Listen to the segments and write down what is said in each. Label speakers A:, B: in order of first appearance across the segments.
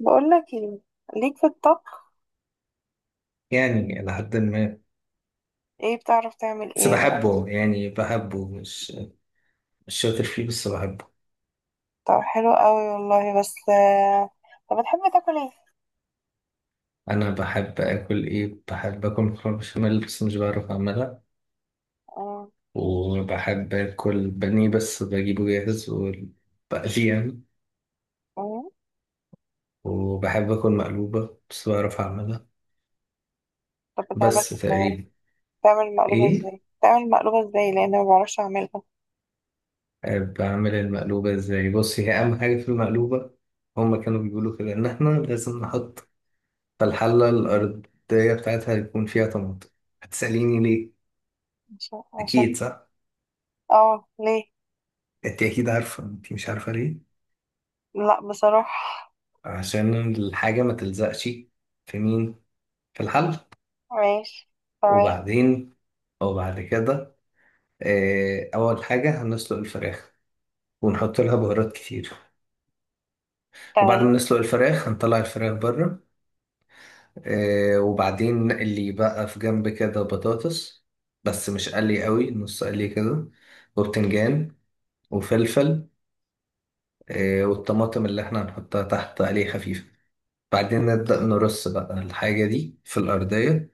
A: بقول لك ايه، ليك في الطبخ؟
B: يعني إلى حد ما.
A: ايه بتعرف تعمل
B: بس
A: ايه بقى؟
B: بحبه، يعني بحبه مش شاطر فيه، بس بحبه.
A: طب حلو قوي والله. بس طب بتحب تاكل ايه؟
B: أنا بحب آكل إيه؟ بحب آكل مكرونة بشاميل بس مش بعرف أعملها.
A: آه،
B: وبحب آكل بانيه بس بجيبه جاهز وبقليه يعني.
A: آه.
B: وبحب آكل مقلوبة بس بعرف أعملها،
A: طب بتعمل
B: بس
A: ازاي؟
B: تقريبا. إيه؟
A: بتعمل مقلوبة ازاي لان ما بعرفش اعملها.
B: بعمل المقلوبة إزاي؟ بص، هي أهم حاجة في المقلوبة، هما كانوا بيقولوا كده إن إحنا لازم نحط في الحلة الأرضية بتاعتها يكون فيها طماطم. هتسأليني ليه؟
A: عشان.
B: اكيد صح.
A: اه ليه؟
B: انت اكيد عارفه، انت مش عارفه ليه.
A: لا بصراحة.
B: عشان الحاجه ما تلزقش. في مين؟ في الحل
A: ماشي. تمام.
B: وبعدين، او بعد كده، اول حاجه هنسلق الفراخ ونحط لها بهارات كتير. وبعد ما
A: تمام.
B: نسلق الفراخ هنطلع الفراخ بره. وبعدين نقلي بقى في جنب كده بطاطس، بس مش قلي قوي، نص قلي كده، وبتنجان وفلفل. والطماطم اللي احنا هنحطها تحت قلي خفيف. بعدين نبدأ نرص بقى الحاجة دي في الأرضية،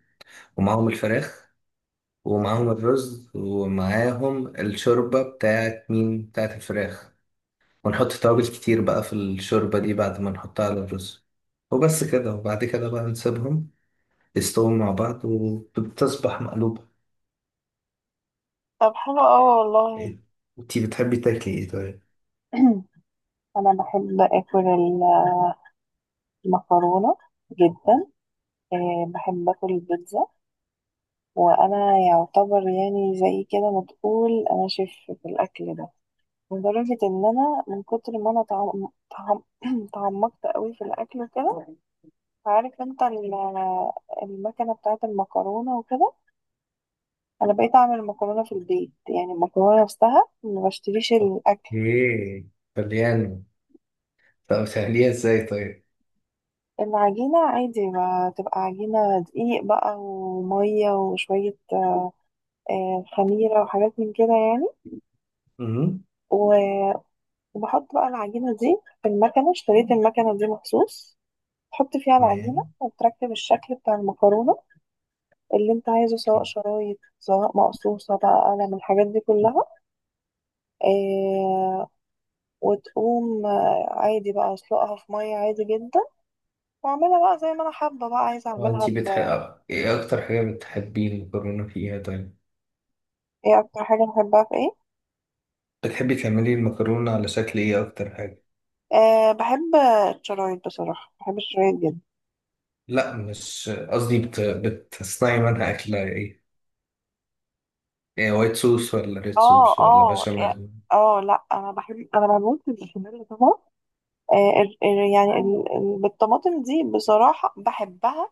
B: ومعاهم الفراخ ومعاهم الرز ومعاهم الشوربة بتاعت مين؟ بتاعت الفراخ. ونحط توابل كتير بقى في الشوربة دي بعد ما نحطها على الرز. وبس كده، وبعد كده بقى نسيبهم يستووا مع بعض، وبتصبح مقلوبة.
A: طب حلو قوي والله.
B: إيه؟ انتي بتحبي تاكلي ايه طيب؟
A: انا بحب اكل المكرونة جدا. بحب اكل البيتزا، وانا يعتبر يعني زي كده ما تقول انا شيف في الاكل ده، لدرجه ان انا من كتر ما انا تعمقت قوي في الاكل وكده. عارف انت المكنه بتاعه المكرونه وكده، انا بقيت اعمل مكرونه في البيت، يعني المكرونه نفسها ما بشتريش الاكل.
B: اوكي، طلياني. طب بتعمليها ازاي طيب؟
A: العجينه عادي ما تبقى عجينه دقيق بقى وميه وشويه خميره وحاجات من كده
B: مهم.
A: يعني. وبحط بقى العجينة دي في المكنة، اشتريت المكنة دي مخصوص تحط فيها العجينة
B: تمام.
A: وتركب الشكل بتاع المكرونة اللي انت عايزه، سواء شرايط سواء مقصوصة بقى قلم، الحاجات دي كلها. اه. وتقوم عادي بقى اسلقها في مية عادي جدا، واعملها بقى زي ما انا حابة بقى، عايزة
B: هو
A: اعملها
B: انتي
A: ب...
B: بتحب ايه اكتر حاجة، بتحبي المكرونة فيها طيب؟
A: ايه اكتر حاجة بحبها في ايه؟
B: بتحبي تعملي المكرونة على شكل ايه اكتر حاجة؟
A: اه بحب الشرايط، بصراحة بحب الشرايط جدا.
B: لا، مش قصدي، بتصنعي منها اكلة ايه؟ ايه، وايت صوص ولا ريد
A: اه.
B: صوص ولا
A: اه.
B: بشاميل؟
A: اه لا، انا بموت في البشاميل طبعا. يعني بالطماطم دي بصراحة بحبها.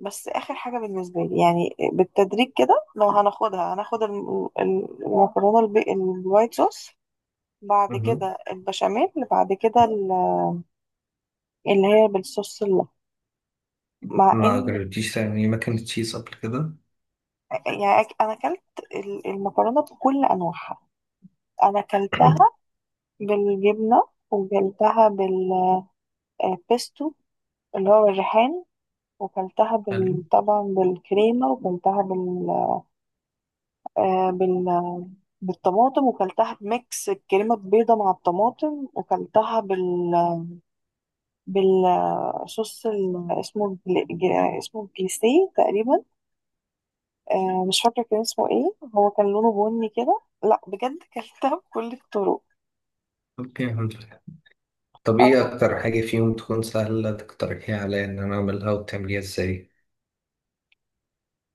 A: بس آخر حاجة بالنسبة لي يعني بالتدريج كده، لو هناخدها هناخد المكرونة الوايت صوص، بعد
B: مهم.
A: كده البشاميل، بعد كده اللي هي بالصوص اللحم، مع
B: ما
A: ان...
B: جربتيش تعملي ماكن تشيز قبل كده؟
A: يعني انا اكلت المكرونة بكل انواعها. انا اكلتها بالجبنة، وكلتها بالبيستو اللي هو الريحان
B: حلو.
A: طبعا بالكريمة، وكلتها بال آه، بال بالطماطم، وكلتها بميكس الكريمة البيضة مع الطماطم، وكلتها بال بالصوص ال... اسمه بل... ج- اسمه بليسيه تقريبا. آه مش فاكرة كان اسمه ايه، هو كان لونه بني كده، لا بجد كلتها بكل الطرق.
B: اوكي، الحمد لله. طب ايه
A: اه
B: اكتر حاجة فيهم تكون سهلة تقترحيها عليا ان انا اعملها، وتعمليها ازاي؟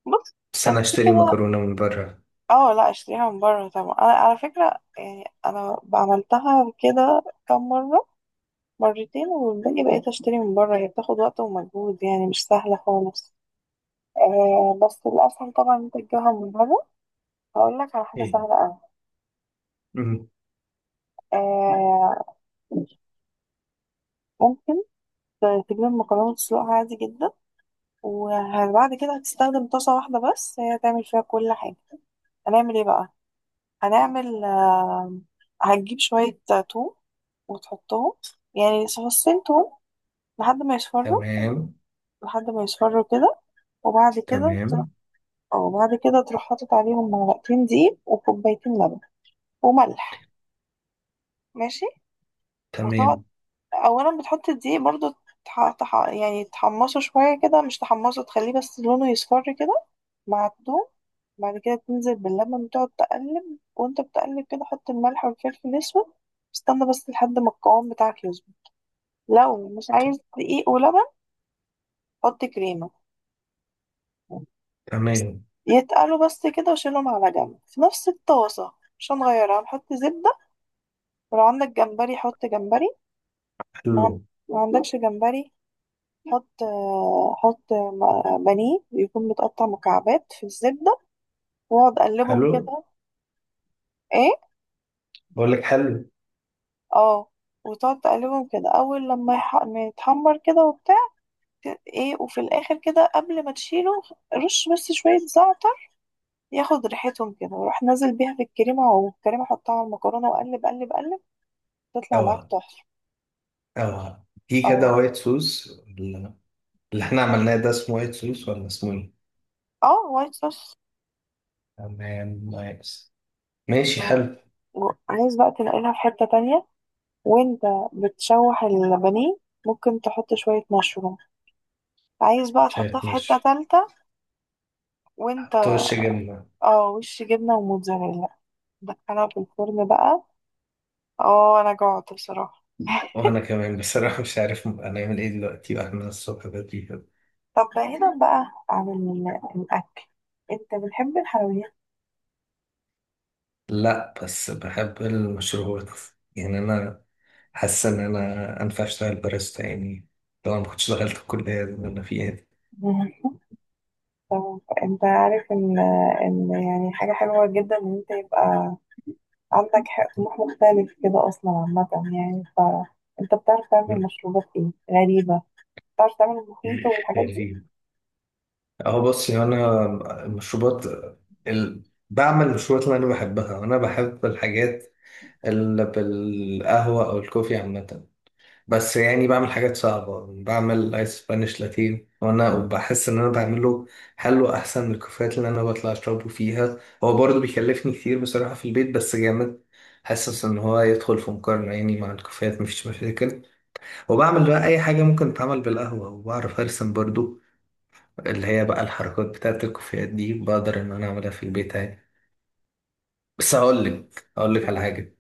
A: بص،
B: بس
A: كان
B: انا
A: في
B: اشتري
A: كده.
B: مكرونة من بره.
A: اه لا اشتريها من بره طبعا، انا على فكرة يعني انا عملتها كده كم مرة، مرتين، والباقي بقيت اشتري من بره، هي بتاخد وقت ومجهود يعني مش سهلة خالص. آه بس الأسهل طبعا إن أنت تجيبها من بره. هقول لك على حاجة
B: ايه؟
A: سهلة أوي.
B: مهم.
A: آه. ممكن تجيب المكرونة تسلقها عادي جدا، وبعد كده هتستخدم طاسة واحدة بس، هي هتعمل فيها كل حاجة. هنعمل ايه بقى؟ هنعمل آه هتجيب شوية توم وتحطهم، يعني فصين توم، لحد ما يصفروا.
B: تمام.
A: لحد ما يصفروا كده، وبعد كده تروح.
B: تمام.
A: اه بعد كده تروح حاطط عليهم معلقتين دقيق وكوبايتين لبن وملح. ماشي. وتقعد،
B: تمام.
A: اولا بتحط الدقيق برضو، يعني تحمصه شوية كده، مش تحمصه، تخليه بس لونه يصفر كده مع الثوم. بعد كده تنزل باللبن وتقعد تقلب، وانت بتقلب كده حط الملح والفلفل الاسود. استنى بس لحد ما القوام بتاعك يظبط. لو مش عايز دقيق ولبن، حط كريمة.
B: تمام.
A: يتقلوا بس كده وشيلهم على جنب في نفس الطاسة، مش هنغيرها، هنحط زبدة. ولو عندك جمبري حط جمبري، لو عن-
B: حلو.
A: ما عندكش جمبري، حط حط بانيه يكون متقطع مكعبات في الزبدة، واقعد اقلبهم
B: حلو.
A: كده. ايه.
B: بقول لك حلو.
A: اه وتقعد تقلبهم كده، اول ما يتحمر كده وبتاع. ايه، وفي الاخر كده قبل ما تشيله رش بس شوية زعتر ياخد ريحتهم كده، وروح نازل بيها في الكريمة، والكريمة حطها على المكرونة وقلب قلب قلب، تطلع معاك
B: اوعى،
A: تحفة.
B: اوعى في كده
A: اه.
B: وايت سوس اللي احنا عملناه ده اسمه وايت سوس ولا اسمه ايه؟
A: اه وايت صوص.
B: تمام، نايس. ماشي، حلو.
A: عايز بقى تنقلها في حتة تانية وانت بتشوح البانيه، ممكن تحط شوية مشروم. عايز بقى تحطها
B: شايف
A: في حتة
B: مش.
A: تالتة وانت...
B: حط وش جبنة.
A: اه وش جبنة وموتزاريلا، دخلها في الفرن بقى. اه انا جوعت بصراحة
B: وانا كمان بصراحة مش عارف هنعمل ايه دلوقتي واحنا الصبح بدري كده.
A: طب بعيدا بقى عن الأكل، انت بتحب الحلويات؟
B: لا، بس بحب المشروبات. يعني انا حاسس ان انا انفع اشتغل باريستا يعني. طبعا ما كنتش دخلت الكلية اللي انا فيها دي.
A: مم. انت عارف ان يعني حاجة حلوة جدا ان انت يبقى عندك طموح مختلف كده اصلا عامة، يعني انت بتعرف تعمل مشروبات ايه غريبة؟ بتعرف تعمل المخيط والحاجات دي؟
B: خريج. اهو، بصي انا المشروبات ال... بعمل المشروبات اللي انا بحبها. انا بحب الحاجات اللي بالقهوه او الكوفي عامه. بس يعني بعمل حاجات صعبه، بعمل ايس سبانيش لاتين، وانا بحس ان انا بعمله حلو احسن من الكوفيات اللي انا بطلع اشربه فيها. هو برضه بيكلفني كتير بصراحه في البيت بس جامد. حاسس ان هو يدخل في مقارنه يعني مع الكوفيات مفيش مشاكل. وبعمل بقى اي حاجه ممكن تتعمل بالقهوه، وبعرف ارسم برضه، اللي هي بقى الحركات بتاعت الكوفيات دي، بقدر ان انا اعملها في البيت عادي. بس هقول لك، على حاجه.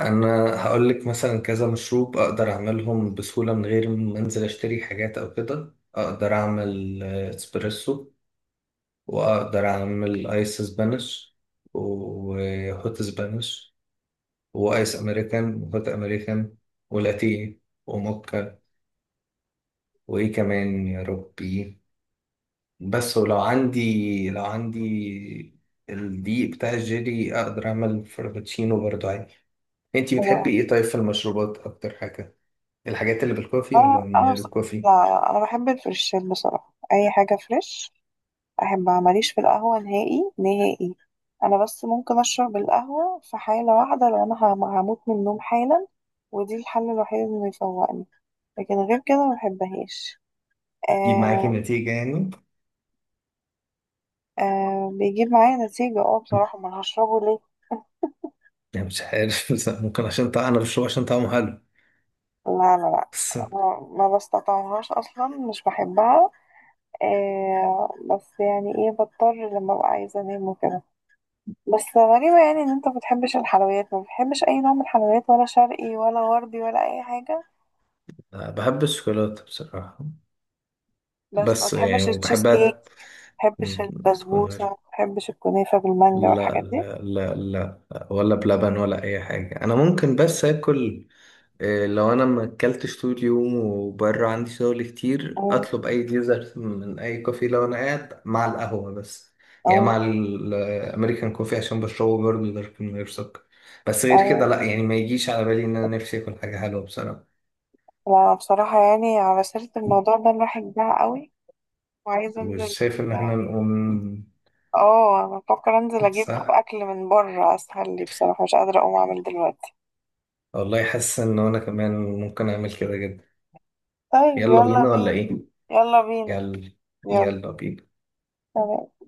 B: انا هقول لك مثلا كذا مشروب اقدر اعملهم بسهوله من غير ما انزل اشتري حاجات او كده. اقدر اعمل اسبريسو، واقدر اعمل ايس سبانش، وهوت سبانش، وايس امريكان وهوت امريكان، ولاتيه، وموكا، وايه كمان يا ربي. بس، ولو عندي، لو عندي الدقيق بتاع الجيلي، اقدر اعمل فرابتشينو برضو عادي. انتي بتحبي
A: اه.
B: ايه طيب في المشروبات اكتر حاجة؟ الحاجات اللي بالكوفي ولا
A: اه
B: من
A: انا
B: غير الكوفي؟
A: لا انا بحب الفريشين بصراحه، اي حاجه فريش احبها، ماليش في القهوه نهائي نهائي. انا بس ممكن اشرب القهوه في حاله واحده، لو انا هموت من النوم حالا، ودي الحل الوحيد اللي بيفوقني، لكن غير كده ما بحبهاش.
B: تجيب معاكي
A: آه،
B: نتيجة يعني.
A: بيجيب معايا نتيجة، اه بصراحة ما أنا هشربه ليه.
B: يعني مش عارف. بس ممكن عشان طعم، انا بشربه عشان طعمه حلو
A: لا لا لا.
B: بس.
A: ما بستطعمهاش اصلا مش بحبها. بس يعني ايه بضطر لما ابقى عايزة انام وكده. بس غريبة يعني ان انت ما بتحبش الحلويات، ما بتحبش اي نوع من الحلويات، ولا شرقي ولا غربي ولا اي حاجة؟
B: أنا بحب الشوكولاتة بصراحة،
A: بس ما
B: بس يعني
A: بتحبش التشيز
B: وبحبها
A: كيك؟ ما بتحبش
B: تكون تكون
A: البسبوسة،
B: غير.
A: ما بتحبش الكنافة بالمانجا
B: لا
A: والحاجات دي؟
B: لا لا لا، ولا بلبن ولا اي حاجة. انا ممكن بس اكل إيه، لو انا ما اكلتش طول اليوم وبره عندي شغل كتير،
A: اه.
B: اطلب اي ديزرت من اي كوفي لو انا قاعد مع القهوه بس، يعني
A: اه.
B: مع الامريكان كوفي، عشان بشربه برضه دارك من غير سكر. بس غير كده
A: ايوه.
B: لا، يعني ما يجيش على بالي ان انا نفسي اكل حاجه حلوه بصراحه.
A: لا بصراحة، يعني على سيرة الموضوع ده الواحد جاع قوي وعايزة انزل.
B: وشايف ان احنا
A: آه،
B: نقوم.
A: اه انا بفكر انزل اجيب
B: صح
A: اكل من بره، اسهل لي بصراحه، مش قادره اقوم اعمل دلوقتي.
B: والله، حاسس ان انا كمان ممكن اعمل كده جدا.
A: طيب
B: يلا
A: يلا
B: بينا ولا
A: بينا.
B: ايه؟
A: يلا بينا.
B: يلا.
A: يلا.
B: يلا بينا.
A: تمام.